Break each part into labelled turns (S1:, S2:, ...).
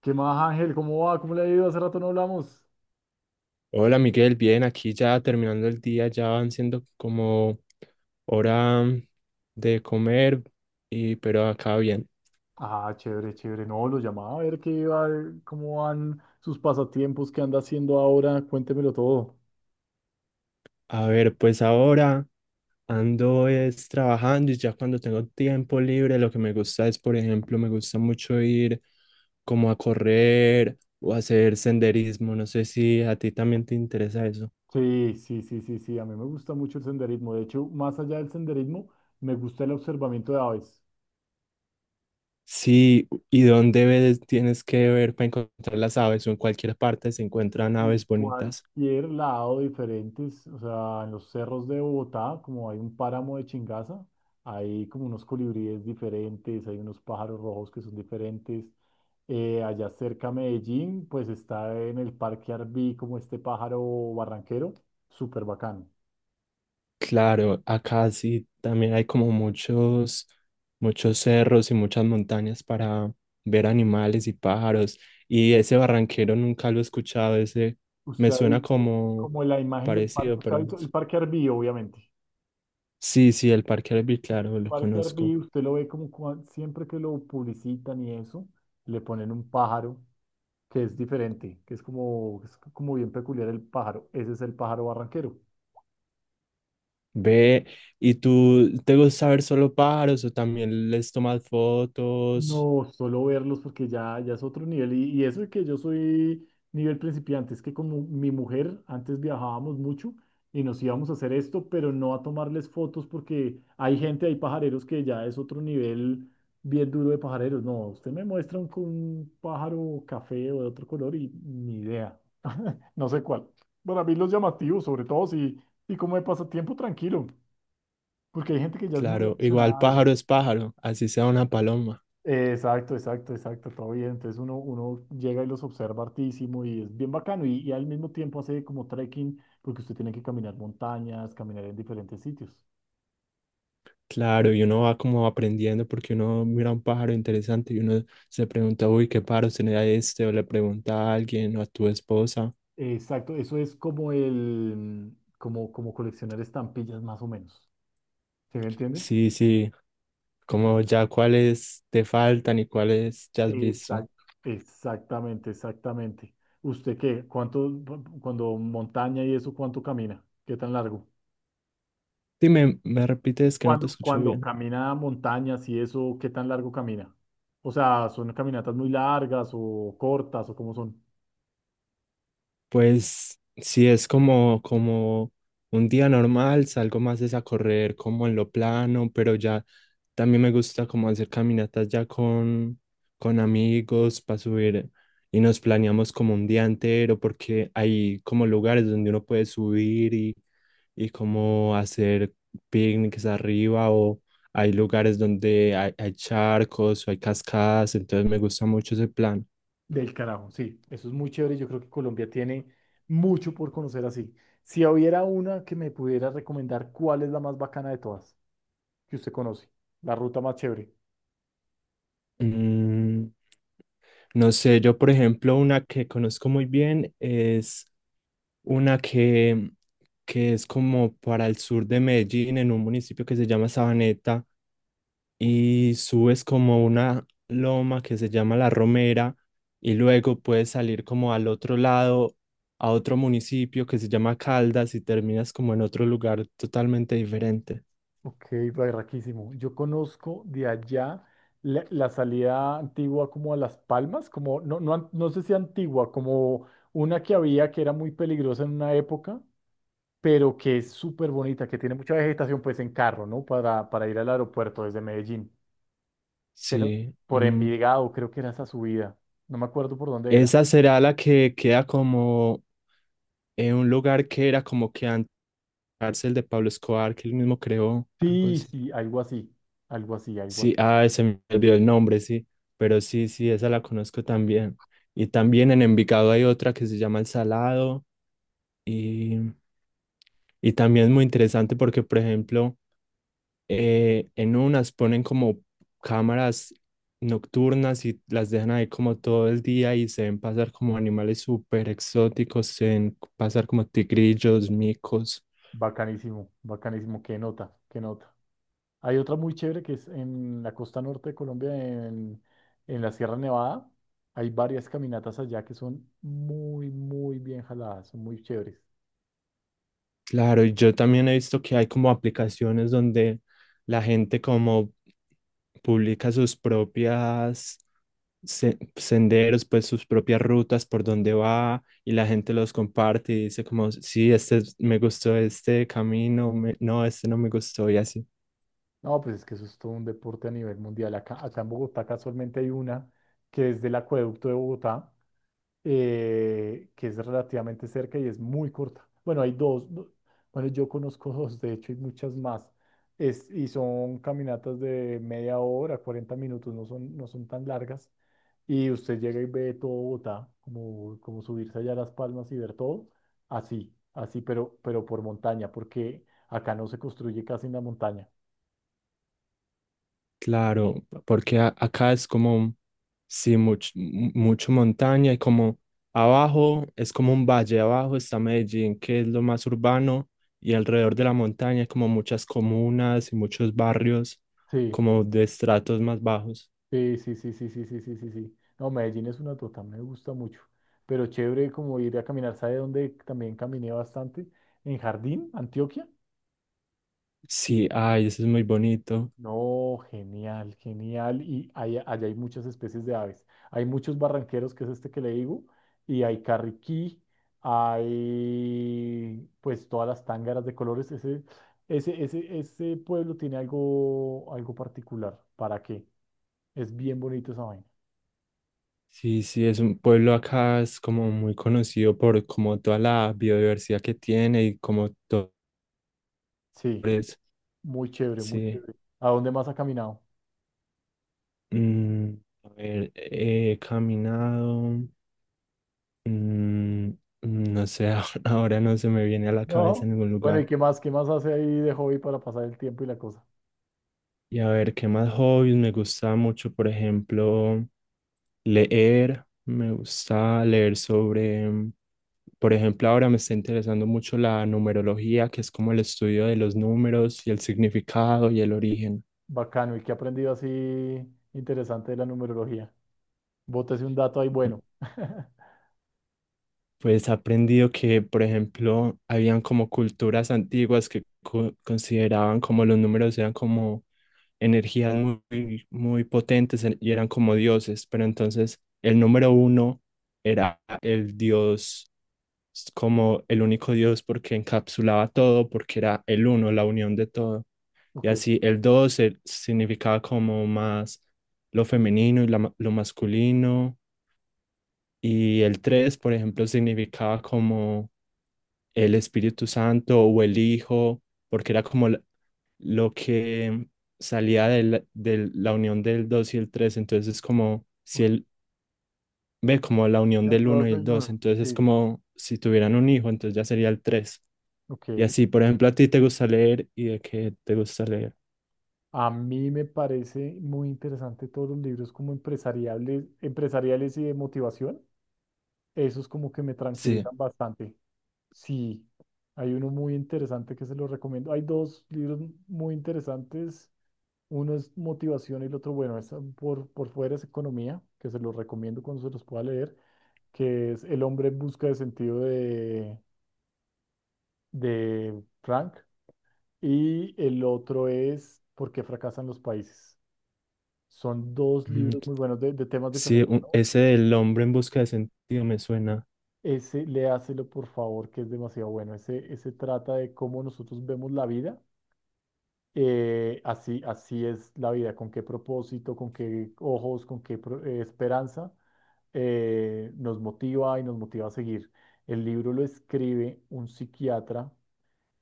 S1: ¿Qué más, Ángel? ¿Cómo va? ¿Cómo le ha ido? Hace rato no hablamos.
S2: Hola Miguel, bien, aquí ya terminando el día, ya van siendo como hora de comer, pero acá bien.
S1: Ah, chévere, chévere. No, lo llamaba a ver qué va, cómo van sus pasatiempos, qué anda haciendo ahora. Cuéntemelo todo.
S2: A ver, pues ahora ando es trabajando y ya cuando tengo tiempo libre, lo que me gusta es, por ejemplo, me gusta mucho ir como a correr o hacer senderismo. No sé si a ti también te interesa eso.
S1: Sí, sí, sí, sí, sí. A mí me gusta mucho el senderismo. De hecho, más allá del senderismo, me gusta el observamiento de aves.
S2: Sí, ¿y dónde ves, tienes que ver para encontrar las aves o en cualquier parte se encuentran
S1: En
S2: aves bonitas?
S1: cualquier lado diferentes, o sea, en los cerros de Bogotá, como hay un páramo de Chingaza, hay como unos colibríes diferentes, hay unos pájaros rojos que son diferentes. Allá cerca a Medellín, pues está en el Parque Arví como este pájaro barranquero, súper bacano.
S2: Claro, acá sí también hay como muchos cerros y muchas montañas para ver animales y pájaros. Y ese barranquero nunca lo he escuchado, ese
S1: Usted
S2: me
S1: ha
S2: suena
S1: visto
S2: como
S1: como la imagen del
S2: parecido,
S1: parque, usted ha
S2: pero no
S1: visto
S2: sé.
S1: el Parque Arví, obviamente.
S2: Sí, sí, el Parque Arví, claro, lo
S1: Parque
S2: conozco.
S1: Arví, usted lo ve como siempre que lo publicitan y eso, le ponen un pájaro que es diferente, que es como bien peculiar el pájaro. Ese es el pájaro barranquero.
S2: Ve, ¿y tú te gusta ver solo pájaros o también les tomas fotos?
S1: No, solo verlos porque ya, ya es otro nivel. Y eso de que yo soy nivel principiante, es que como mi mujer, antes viajábamos mucho y nos íbamos a hacer esto, pero no a tomarles fotos porque hay gente, hay pajareros que ya es otro nivel bien duro de pajareros. No, usted me muestra un pájaro café o de otro color y ni idea. No sé cuál. Para mí los llamativos, sobre todo si, y como de pasatiempo tranquilo, porque hay gente que ya es muy
S2: Claro, igual
S1: aficionada a eso.
S2: pájaro es pájaro, así sea una paloma.
S1: Exacto, exacto, exacto, todo bien. Entonces uno llega y los observa hartísimo y es bien bacano y al mismo tiempo hace como trekking porque usted tiene que caminar montañas, caminar en diferentes sitios.
S2: Claro, y uno va como aprendiendo porque uno mira un pájaro interesante y uno se pregunta, uy, ¿qué pájaro será este? O le pregunta a alguien o a tu esposa.
S1: Exacto, eso es como el, como, como coleccionar estampillas más o menos. ¿Se me entiende?
S2: Sí, sí,
S1: Entonces,
S2: como ya cuáles te faltan y cuáles ya has visto.
S1: exacto, exactamente, exactamente. ¿Usted qué? ¿Cuánto, cuando montaña y eso, cuánto camina? ¿Qué tan largo?
S2: Dime, me repites que no
S1: Cuando,
S2: te escuché
S1: cuando
S2: bien.
S1: camina montañas y eso, ¿qué tan largo camina? O sea, ¿son caminatas muy largas o cortas o cómo son?
S2: Pues sí, es como, como un día normal, salgo más es a correr como en lo plano, pero ya también me gusta como hacer caminatas ya con amigos para subir y nos planeamos como un día entero porque hay como lugares donde uno puede subir y como hacer picnics arriba o hay lugares donde hay charcos o hay cascadas, entonces me gusta mucho ese plan.
S1: Del carajo, sí, eso es muy chévere. Yo creo que Colombia tiene mucho por conocer así. Si hubiera una que me pudiera recomendar, ¿cuál es la más bacana de todas que usted conoce? La ruta más chévere.
S2: Mm, no sé, yo por ejemplo una que conozco muy bien es una que es como para el sur de Medellín, en un municipio que se llama Sabaneta, y subes como una loma que se llama La Romera, y luego puedes salir como al otro lado, a otro municipio que se llama Caldas, y terminas como en otro lugar totalmente diferente.
S1: Ok, barraquísimo. Yo conozco de allá la salida antigua como a Las Palmas, como no, no, no sé si antigua, como una que había que era muy peligrosa en una época pero que es súper bonita, que tiene mucha vegetación, pues en carro, ¿no? Para ir al aeropuerto desde Medellín, que no,
S2: Sí,
S1: por Envigado, creo que era esa subida, no me acuerdo por dónde era.
S2: esa será la que queda como en un lugar que era como que antes cárcel de Pablo Escobar, que él mismo creó, algo
S1: Sí,
S2: así.
S1: sí, algo así, algo así, algo
S2: Sí,
S1: así.
S2: ah, se me olvidó el nombre, sí, pero sí, sí, esa la conozco también. Y también en Envigado hay otra que se llama El Salado y, y también es muy interesante porque, por ejemplo, en unas ponen como cámaras nocturnas y las dejan ahí como todo el día y se ven pasar como animales súper exóticos, se ven pasar como tigrillos, micos.
S1: Bacanísimo, bacanísimo, qué nota, qué nota. Hay otra muy chévere que es en la costa norte de Colombia, en la Sierra Nevada. Hay varias caminatas allá que son muy, muy bien jaladas, son muy chéveres.
S2: Claro, y yo también he visto que hay como aplicaciones donde la gente como publica sus propias senderos, pues sus propias rutas por donde va y la gente los comparte y dice como, sí, me gustó este camino, no, este no me gustó y así.
S1: No, pues es que eso es todo un deporte a nivel mundial. Acá, acá en Bogotá casualmente hay una que es del acueducto de Bogotá, que es relativamente cerca y es muy corta. Bueno, hay dos, bueno, yo conozco dos, de hecho, y muchas más. Es, y son caminatas de media hora, 40 minutos, no son, no son tan largas. Y usted llega y ve todo Bogotá, como, como subirse allá a Las Palmas y ver todo, así, así, pero por montaña, porque acá no se construye casi en la montaña.
S2: Claro, porque acá es como, sí, mucho montaña y como abajo es como un valle, abajo está Medellín, que es lo más urbano, y alrededor de la montaña hay como muchas comunas y muchos barrios
S1: Sí.
S2: como de estratos más bajos.
S1: Sí, sí, sí, sí, sí, sí, sí, sí, sí. No, Medellín es una tota, me gusta mucho. Pero chévere como ir a caminar, ¿sabe dónde también caminé bastante? En Jardín, Antioquia.
S2: Sí, ay, eso es muy bonito.
S1: No, genial, genial. Y allá, allá hay muchas especies de aves. Hay muchos barranqueros, que es este que le digo, y hay carriquí, hay pues todas las tángaras de colores. Ese pueblo tiene algo, algo particular. ¿Para qué? Es bien bonito esa vaina.
S2: Sí, sí, es un pueblo acá, es como muy conocido por como toda la biodiversidad que tiene y como todo
S1: Sí.
S2: eso.
S1: Muy chévere, muy
S2: Sí.
S1: chévere. ¿A dónde más ha caminado?
S2: Mm, a ver, he caminado, mm, mm, no sé, ahora no se me viene a la cabeza
S1: No.
S2: en ningún
S1: Bueno, ¿y
S2: lugar.
S1: qué más? ¿Qué más hace ahí de hobby para pasar el tiempo y la cosa?
S2: Y a ver, ¿qué más hobbies? Me gusta mucho, por ejemplo, leer. Me gusta leer sobre, por ejemplo, ahora me está interesando mucho la numerología, que es como el estudio de los números y el significado y el origen.
S1: Bacano. ¿Y qué ha aprendido así interesante de la numerología? Bótese un dato ahí bueno.
S2: Pues he aprendido que, por ejemplo, habían como culturas antiguas que consideraban como los números eran como energías muy, muy potentes y eran como dioses, pero entonces el número uno era el dios, como el único dios porque encapsulaba todo, porque era el uno, la unión de todo. Y
S1: Ok.
S2: así el dos significaba como más lo femenino y la lo masculino. Y el tres, por ejemplo, significaba como el Espíritu Santo o el Hijo, porque era como lo que salía de la unión del 2 y el tres, entonces es como si
S1: Ok.
S2: él ve como la unión
S1: Del
S2: del uno
S1: dos
S2: y el
S1: en
S2: dos,
S1: uno.
S2: entonces es
S1: Sí.
S2: como si tuvieran un hijo, entonces ya sería el tres.
S1: Ok.
S2: Y así, por ejemplo, a ti te gusta leer y de qué te gusta leer.
S1: A mí me parece muy interesante todos los libros como empresariales, empresariales y de motivación. Esos como que me
S2: Sí.
S1: tranquilizan bastante. Sí. Hay uno muy interesante que se lo recomiendo. Hay dos libros muy interesantes. Uno es motivación y el otro, bueno, es por fuera es economía, que se los recomiendo cuando se los pueda leer, que es El hombre en busca de sentido de Frank. Y el otro es ¿Por qué fracasan los países? Son dos
S2: Mm,
S1: libros muy buenos de temas
S2: sí,
S1: diferentes, ¿no?
S2: ese del hombre en busca de sentido me suena.
S1: Ese, léaselo por favor, que es demasiado bueno. Ese trata de cómo nosotros vemos la vida. Así, así es la vida, con qué propósito, con qué ojos, con qué esperanza. Nos motiva y nos motiva a seguir. El libro lo escribe un psiquiatra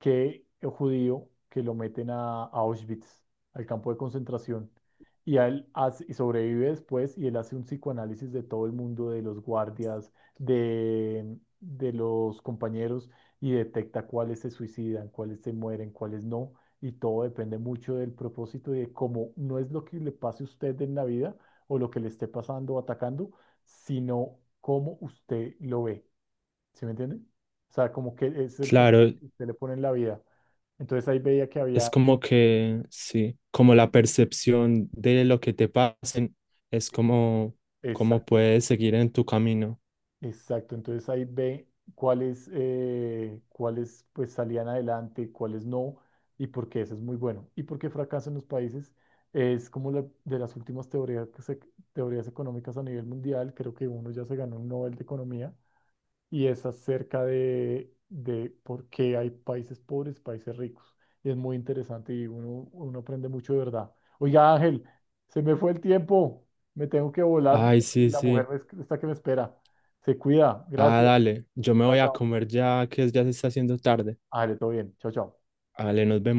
S1: que el judío que lo meten a Auschwitz, al campo de concentración, y, y sobrevive después y él hace un psicoanálisis de todo el mundo, de los guardias, de los compañeros, y detecta cuáles se suicidan, cuáles se mueren, cuáles no, y todo depende mucho del propósito y de cómo no es lo que le pase a usted en la vida o lo que le esté pasando o atacando, sino cómo usted lo ve. ¿Sí me entiende? O sea, como que es el sentido
S2: Claro,
S1: que usted le pone en la vida. Entonces ahí veía que
S2: es
S1: había...
S2: como que, sí, como la percepción de lo que te pasen es como, como
S1: Exacto,
S2: puedes seguir en tu camino.
S1: exacto. Entonces ahí ve cuáles, cuáles pues salían adelante, cuáles no, y por qué eso es muy bueno. Y por qué fracasan los países es como de las últimas teorías, teorías económicas a nivel mundial. Creo que uno ya se ganó un Nobel de Economía y es acerca de por qué hay países pobres, países ricos. Y es muy interesante y uno aprende mucho de verdad. Oiga, Ángel, se me fue el tiempo. Me tengo que volar
S2: Ay,
S1: porque
S2: sí,
S1: la mujer
S2: sí.
S1: está que me espera. Se cuida.
S2: Ah,
S1: Gracias.
S2: dale, yo me
S1: Chao,
S2: voy a
S1: chao.
S2: comer ya que ya se está haciendo tarde.
S1: Ángel, todo bien. Chao, chao.
S2: Dale, nos vemos.